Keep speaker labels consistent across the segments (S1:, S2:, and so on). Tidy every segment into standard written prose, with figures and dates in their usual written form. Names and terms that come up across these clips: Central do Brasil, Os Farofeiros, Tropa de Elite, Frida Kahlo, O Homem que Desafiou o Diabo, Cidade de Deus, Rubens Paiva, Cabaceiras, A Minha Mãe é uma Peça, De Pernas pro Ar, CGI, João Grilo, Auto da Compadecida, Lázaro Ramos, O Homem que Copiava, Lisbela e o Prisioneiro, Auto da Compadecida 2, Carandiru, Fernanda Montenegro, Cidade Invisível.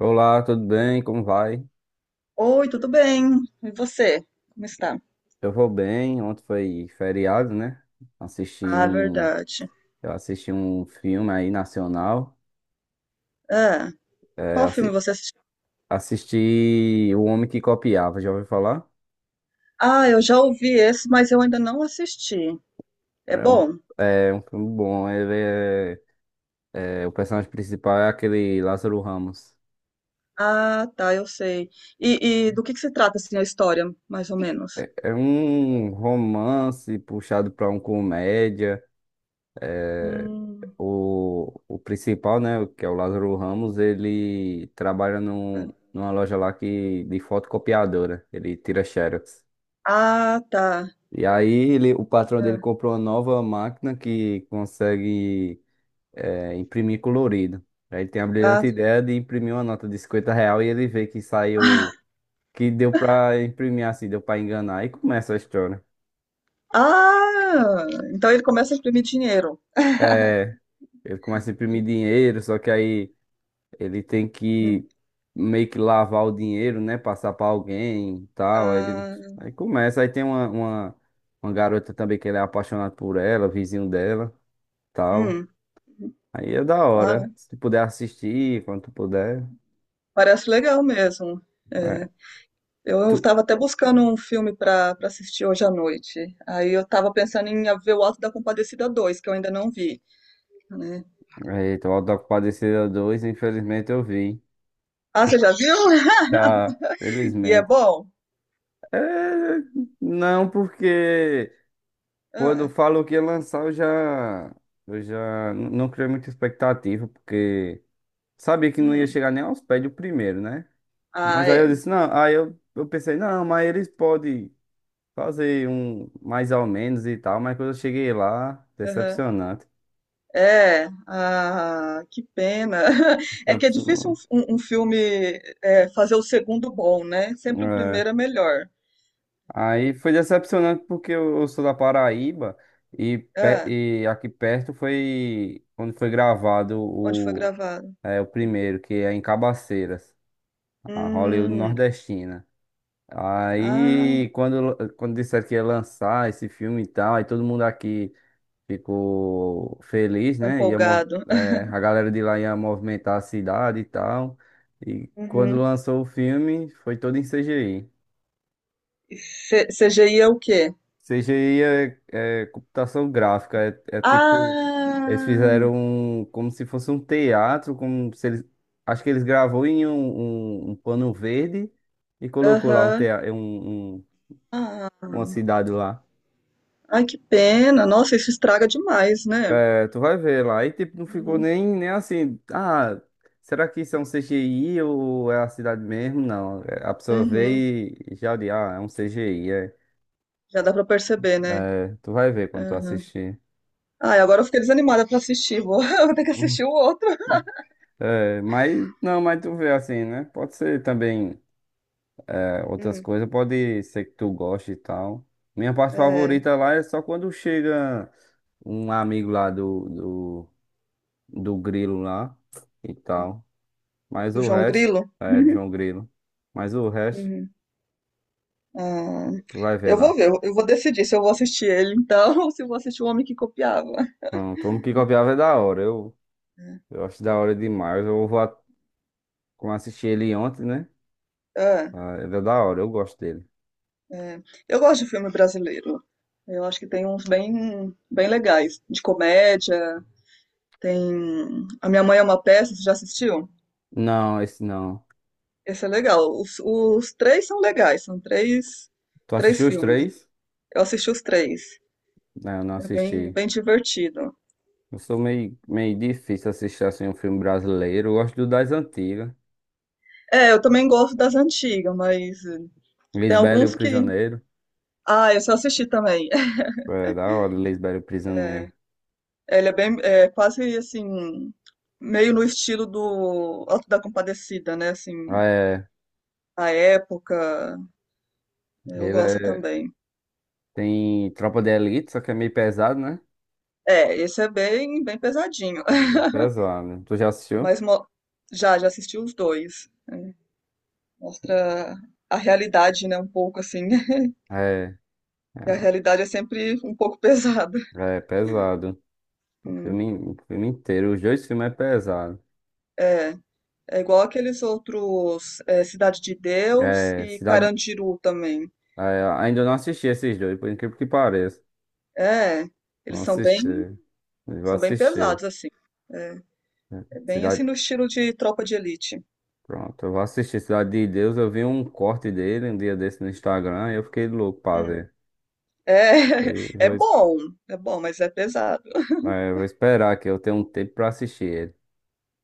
S1: Olá, tudo bem? Como vai?
S2: Oi, tudo bem? E você? Como está?
S1: Eu vou bem. Ontem foi feriado, né? Assisti
S2: Ah,
S1: um,
S2: verdade.
S1: eu assisti um filme aí nacional.
S2: Ah,
S1: É,
S2: qual filme você assistiu?
S1: assisti O Homem que Copiava, já ouviu falar?
S2: Ah, eu já ouvi esse, mas eu ainda não assisti. É
S1: É um,
S2: bom?
S1: é um filme bom. O personagem principal é aquele Lázaro Ramos.
S2: Ah, tá, eu sei. E do que se trata, assim, a história, mais ou menos?
S1: É um romance puxado pra um comédia.
S2: Hum.
S1: O principal, né, que é o Lázaro Ramos, ele trabalha numa loja lá que, de fotocopiadora, ele tira Xerox.
S2: Ah, tá.
S1: E aí o patrão dele
S2: É.
S1: comprou uma nova máquina que consegue imprimir colorido. Aí ele tem a
S2: Ah,
S1: brilhante
S2: tá.
S1: ideia de imprimir uma nota de R$ 50 e ele vê que saiu, que deu pra imprimir assim, deu pra enganar e começa a história.
S2: Ah, então ele começa a imprimir dinheiro.
S1: É, ele começa a imprimir dinheiro, só que aí ele tem
S2: Hum.
S1: que meio que lavar o dinheiro, né? Passar pra alguém e tal.
S2: Ah,
S1: Aí começa. Aí tem uma garota também que ele é apaixonado por ela, vizinho dela, tal.
S2: hum.
S1: Aí é da
S2: Ah,
S1: hora. Se tu puder assistir, quando tu puder.
S2: parece legal mesmo. É.
S1: É,
S2: Eu
S1: tu...
S2: estava até buscando um filme para assistir hoje à noite. Aí eu estava pensando em ver o Alto da Compadecida dois, que eu ainda não vi, né?
S1: Eita, o Auto da Compadecida 2, infelizmente eu vi.
S2: Ah, você já viu?
S1: Tá,
S2: E é
S1: felizmente.
S2: bom?
S1: É, não, porque quando
S2: Ah,
S1: falou que ia lançar, eu já. Eu já não criei muita expectativa, porque. Sabia que não ia
S2: hum.
S1: chegar nem aos pés do primeiro, né? Mas
S2: Ah,
S1: aí eu
S2: é.
S1: disse, não, aí eu pensei, não, mas eles podem fazer um mais ou menos e tal, mas quando eu cheguei lá,
S2: Aham.
S1: decepcionante.
S2: É. Ah, que pena. É que é difícil
S1: Decepcionante.
S2: um filme fazer o segundo bom, né? Sempre o
S1: É.
S2: primeiro é melhor.
S1: Aí foi decepcionante porque eu sou da Paraíba
S2: Ah,
S1: e aqui perto foi quando foi gravado
S2: onde foi gravado?
S1: o primeiro, que é em Cabaceiras, a Hollywood
S2: Hum.
S1: nordestina.
S2: Ah,
S1: Aí, quando disseram que ia lançar esse filme e tal, aí todo mundo aqui ficou feliz,
S2: tô
S1: né?
S2: empolgado.
S1: A galera de lá ia movimentar a cidade e tal. E quando
S2: Uhum.
S1: lançou o filme, foi todo em CGI.
S2: E CGI é o quê?
S1: CGI é computação gráfica, é tipo.
S2: Ah,
S1: Como se fosse um teatro, como se eles. Acho que eles gravou em um pano verde e colocou lá
S2: aham. Ah,
S1: uma cidade lá.
S2: ai, que pena. Nossa, isso estraga demais, né?
S1: É, tu vai ver lá. E tipo, não ficou
S2: Uhum,
S1: nem assim. Ah, será que isso é um CGI ou é a cidade mesmo? Não. É, a pessoa vê
S2: uhum.
S1: e já é um CGI. É.
S2: Já dá pra perceber, né?
S1: É, tu vai ver quando tu
S2: Uhum.
S1: assistir.
S2: Ai, agora eu fiquei desanimada pra assistir. Vou, eu vou ter que assistir o outro.
S1: É, mas não, mas tu vê assim, né? Pode ser também outras
S2: Hum,
S1: coisas, pode ser que tu goste e tal. Minha parte
S2: é,
S1: favorita lá é só quando chega um amigo lá do Grilo lá e tal. Mas
S2: do
S1: o
S2: João
S1: resto,
S2: Grilo.
S1: é de João Grilo. Mas o resto,
S2: Uhum. Ah,
S1: tu vai ver
S2: eu vou
S1: lá.
S2: ver, eu vou decidir se eu vou assistir ele então, ou se eu vou assistir O Homem que Copiava.
S1: Pronto, o Homem que Copiava é da hora. Eu acho da hora demais. Como eu assisti ele ontem, né?
S2: É,
S1: Ah, ele é da hora, eu gosto dele.
S2: é. Eu gosto de filme brasileiro. Eu acho que tem uns bem, bem legais, de comédia. Tem A Minha Mãe é uma Peça, você já assistiu?
S1: Não, esse não.
S2: Esse é legal. Os três são legais, são três,
S1: Tu
S2: três
S1: assistiu os
S2: filmes.
S1: três?
S2: Eu assisti os três.
S1: Não, eu não
S2: É bem,
S1: assisti.
S2: bem divertido.
S1: Eu sou meio, meio difícil assistir assim um filme brasileiro. Eu gosto do das antigas.
S2: É, eu também gosto das antigas, mas tem
S1: Lisbela e o
S2: alguns que.
S1: Prisioneiro.
S2: Ah, esse eu assisti também.
S1: É da hora, Lisbela e o
S2: É,
S1: Prisioneiro.
S2: ele é bem, é quase assim, meio no estilo do Auto da Compadecida, né? Assim,
S1: Ah, é,
S2: a época, eu
S1: ele
S2: gosto
S1: é,
S2: também.
S1: tem Tropa de Elite, só que é meio pesado, né?
S2: É, esse é bem, bem pesadinho.
S1: Ainda é pesado. Tu já assistiu?
S2: Mas mo- já assisti os dois. Mostra a realidade, né, um pouco assim.
S1: É,
S2: E a realidade é sempre um pouco pesada.
S1: é pesado.
S2: Hum,
S1: O filme inteiro, os dois filmes é pesado.
S2: É, é igual aqueles outros, é, Cidade de Deus
S1: É,
S2: e
S1: Cidade.
S2: Carandiru também.
S1: É, ainda não assisti esses dois, por incrível que pareça.
S2: É,
S1: Não
S2: eles
S1: assisti. Mas vou
S2: são bem
S1: assistir.
S2: pesados assim. É,
S1: É,
S2: é bem assim
S1: Cidade.
S2: no estilo de Tropa de Elite.
S1: Pronto, eu vou assistir Cidade de Deus. Eu vi um corte dele um dia desse no Instagram e eu fiquei louco pra
S2: Hum,
S1: ver.
S2: É,
S1: Aí
S2: é
S1: vou, es-
S2: bom, é bom, mas é pesado.
S1: é, Vou esperar que eu tenha um tempo pra assistir ele.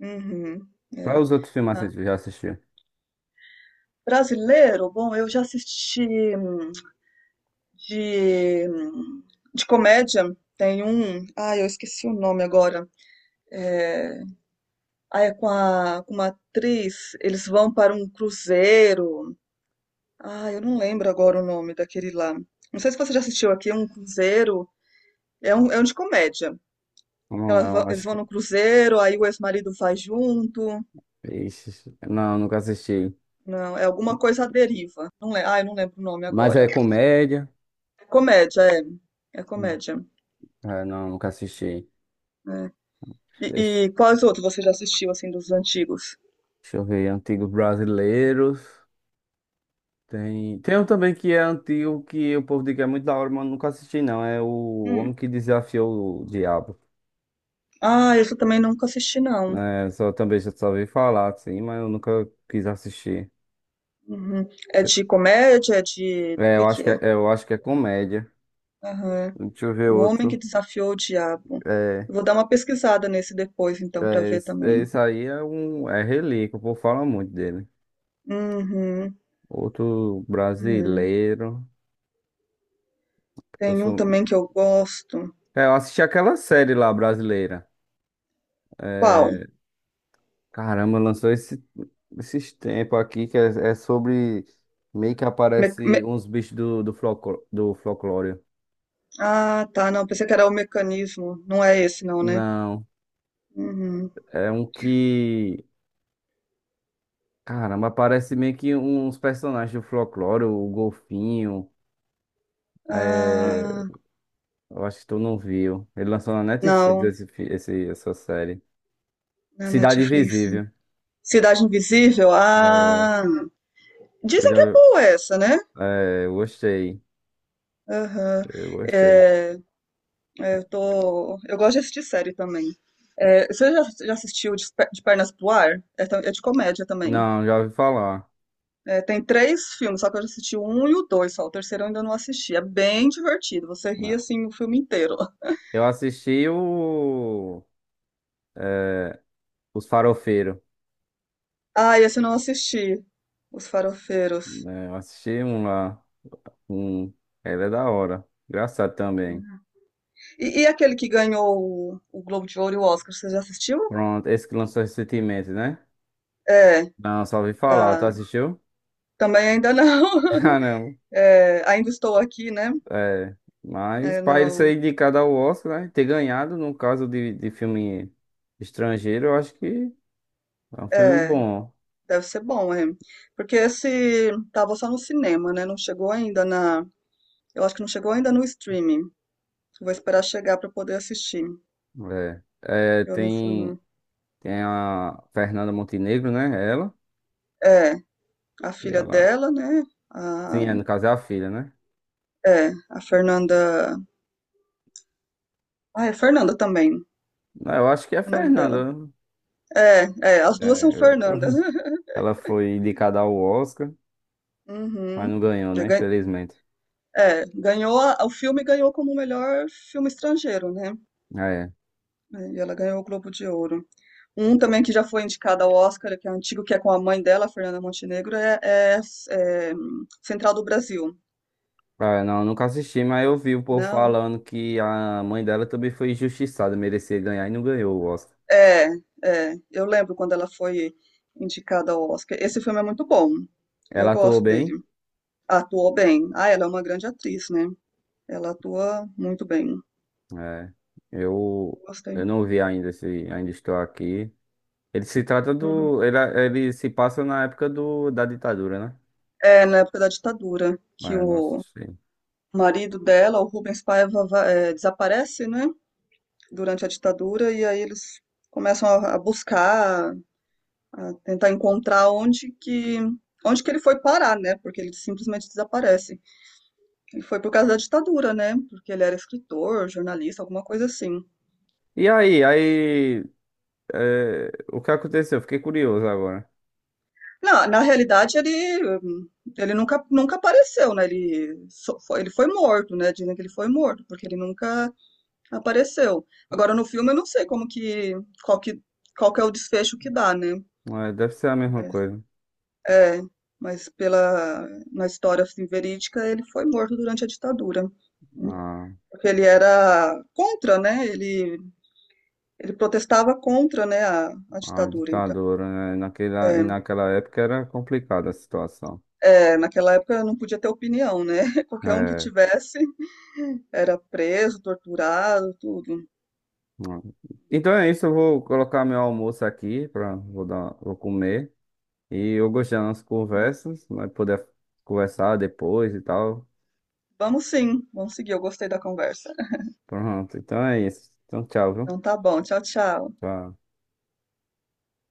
S2: Uhum,
S1: Quais
S2: é.
S1: os outros filmes assim que
S2: Ah,
S1: tu já assistiu?
S2: brasileiro, bom, eu já assisti hum, de, de comédia. Tem um. Ah, eu esqueci o nome agora. É, ah, é com, a, com uma atriz. Eles vão para um cruzeiro. Ah, eu não lembro agora o nome daquele lá. Não sei se você já assistiu aqui, um cruzeiro. É um de comédia.
S1: Não,
S2: Elas vão,
S1: não,
S2: eles
S1: acho
S2: vão
S1: que.
S2: no cruzeiro, aí o ex-marido vai junto.
S1: Ixi, não, nunca assisti.
S2: Não, é alguma coisa à deriva. Não, ah, eu não lembro o nome
S1: Mas é
S2: agora.
S1: comédia.
S2: É comédia, é. É
S1: Hum.
S2: comédia.
S1: É, não, nunca assisti.
S2: É.
S1: Deixa,
S2: E quais outros você já assistiu, assim, dos antigos?
S1: Deixa eu ver, antigos brasileiros. Tem um também que é antigo, que o povo diz que é muito da hora, mas nunca assisti, não. É o Homem
S2: Hum.
S1: que Desafiou o Diabo.
S2: Ah, esse eu também nunca assisti, não.
S1: É, só, também já só ouvi falar, assim, mas eu nunca quis assistir.
S2: Uhum. É
S1: Deixa
S2: de comédia? É de. O
S1: É,
S2: que que é?
S1: eu acho que é comédia.
S2: Aham.
S1: Deixa eu ver
S2: O Homem que
S1: outro.
S2: Desafiou o Diabo.
S1: É,
S2: Eu vou dar uma pesquisada nesse depois, então, pra ver também.
S1: Esse aí é relíquia, o povo fala muito dele.
S2: Uhum.
S1: Outro
S2: Uhum.
S1: brasileiro, que eu
S2: Tem um
S1: sou,
S2: também que eu gosto.
S1: Eu assisti aquela série lá brasileira.
S2: Qual?
S1: É, caramba, lançou esses tempos aqui que é sobre meio que
S2: Me-
S1: aparece
S2: me-
S1: uns bichos do folclore.
S2: Ah, tá, não. Pensei que era o mecanismo. Não é esse, não, né?
S1: Não,
S2: Uhum.
S1: é um que. Caramba, aparece meio que uns personagens do folclore, o Golfinho. É,
S2: Ah,
S1: eu acho que tu não viu. Ele lançou na Netflix
S2: não.
S1: essa série.
S2: Na
S1: Cidade
S2: Netflix.
S1: Invisível.
S2: Cidade Invisível?
S1: É,
S2: Ah.
S1: Tu
S2: Dizem que é
S1: já.
S2: boa essa, né?
S1: É, eu gostei.
S2: Aham.
S1: Eu gostei.
S2: É, eu tô. Eu gosto de assistir série também. É, você já assistiu De Pernas pro Ar? É, é de comédia também.
S1: Não, já ouvi falar.
S2: É, tem três filmes, só que eu já assisti o um e o dois só. O terceiro eu ainda não assisti. É bem divertido. Você ri
S1: Não.
S2: assim o filme inteiro.
S1: Eu assisti o... Os Farofeiros.
S2: Ah, esse eu não assisti. Os Farofeiros.
S1: Né? Eu assisti um lá. Um... Ele é da hora. Engraçado também.
S2: E aquele que ganhou o Globo de Ouro e o Oscar, você já assistiu?
S1: Pronto, esse que lançou recentemente, né?
S2: É,
S1: Não, só ouvi falar. Tu
S2: da.
S1: assistiu?
S2: Também ainda não.
S1: Caramba.
S2: É, ainda estou aqui, né?
S1: É. Mas
S2: É,
S1: pra ele
S2: não.
S1: ser indicado ao Oscar, né? Ter ganhado, no caso de filme estrangeiro, eu acho que é um filme
S2: É.
S1: bom.
S2: Deve ser bom, é. Porque esse tava só no cinema, né? Não chegou ainda na. Eu acho que não chegou ainda no streaming. Vou esperar chegar para poder assistir.
S1: É. É,
S2: Eu não fui
S1: tem,
S2: no.
S1: tem a Fernanda Montenegro, né? Ela.
S2: É, a
S1: Que
S2: filha
S1: ela.
S2: dela, né?
S1: Sim,
S2: A...
S1: é, no caso é a filha, né?
S2: É, a Fernanda. Ah, é Fernanda também,
S1: Ah, eu acho que é a
S2: o nome dela.
S1: Fernanda. Né?
S2: É, é, as duas são
S1: É,
S2: Fernandas.
S1: ela foi indicada ao Oscar, mas
S2: Uhum.
S1: não ganhou,
S2: É,
S1: né? Infelizmente.
S2: é, ganhou, o filme ganhou como melhor filme estrangeiro, né?
S1: Ah, é.
S2: É, e ela ganhou o Globo de Ouro. Um também que já foi indicado ao Oscar, que é antigo, que é com a mãe dela, Fernanda Montenegro, Central do Brasil.
S1: Ah, não, eu nunca assisti, mas eu vi o povo
S2: Não,
S1: falando que a mãe dela também foi injustiçada, merecia ganhar e não ganhou o Oscar.
S2: é, é. Eu lembro quando ela foi indicada ao Oscar. Esse filme é muito bom. Eu
S1: Ela atuou
S2: gosto dele.
S1: bem.
S2: Atuou bem. Ah, ela é uma grande atriz, né? Ela atua muito bem.
S1: É. Eu,
S2: Gostei.
S1: eu não vi ainda se ainda estou aqui. Ele se trata
S2: Uhum.
S1: do. Ele se passa na época da ditadura, né?
S2: É na época da ditadura que
S1: Mas não
S2: o
S1: assisti.
S2: marido dela, o Rubens Paiva, é, desaparece, né? Durante a ditadura e aí eles começam a buscar a tentar encontrar onde que ele foi parar, né? Porque ele simplesmente desaparece. Ele foi por causa da ditadura, né? Porque ele era escritor, jornalista, alguma coisa assim.
S1: E aí, aí. O que aconteceu? Fiquei curioso agora.
S2: Na realidade, ele, ele nunca apareceu, né? Ele, só foi, ele foi morto, né? Dizem que ele foi morto, porque ele nunca apareceu. Agora, no filme, eu não sei como que, qual que, qual que é o desfecho que dá, né?
S1: É, deve ser a mesma
S2: Mas,
S1: coisa.
S2: é, mas pela, na história assim, verídica, ele foi morto durante a ditadura.
S1: A,
S2: Porque ele era contra, né? Ele protestava contra, né, a
S1: a
S2: ditadura. Então,
S1: ditadura, né? E
S2: é,
S1: naquela época era complicada a situação.
S2: é, naquela época não podia ter opinião, né? Qualquer um que
S1: É.
S2: tivesse era preso, torturado, tudo.
S1: Então é isso, eu vou colocar meu almoço aqui para vou comer. E eu gostei das nossas conversas, vai poder conversar depois e tal.
S2: Vamos sim, vamos seguir. Eu gostei da conversa.
S1: Pronto, então é isso. Então tchau, viu?
S2: Então tá bom, tchau, tchau.
S1: Tchau.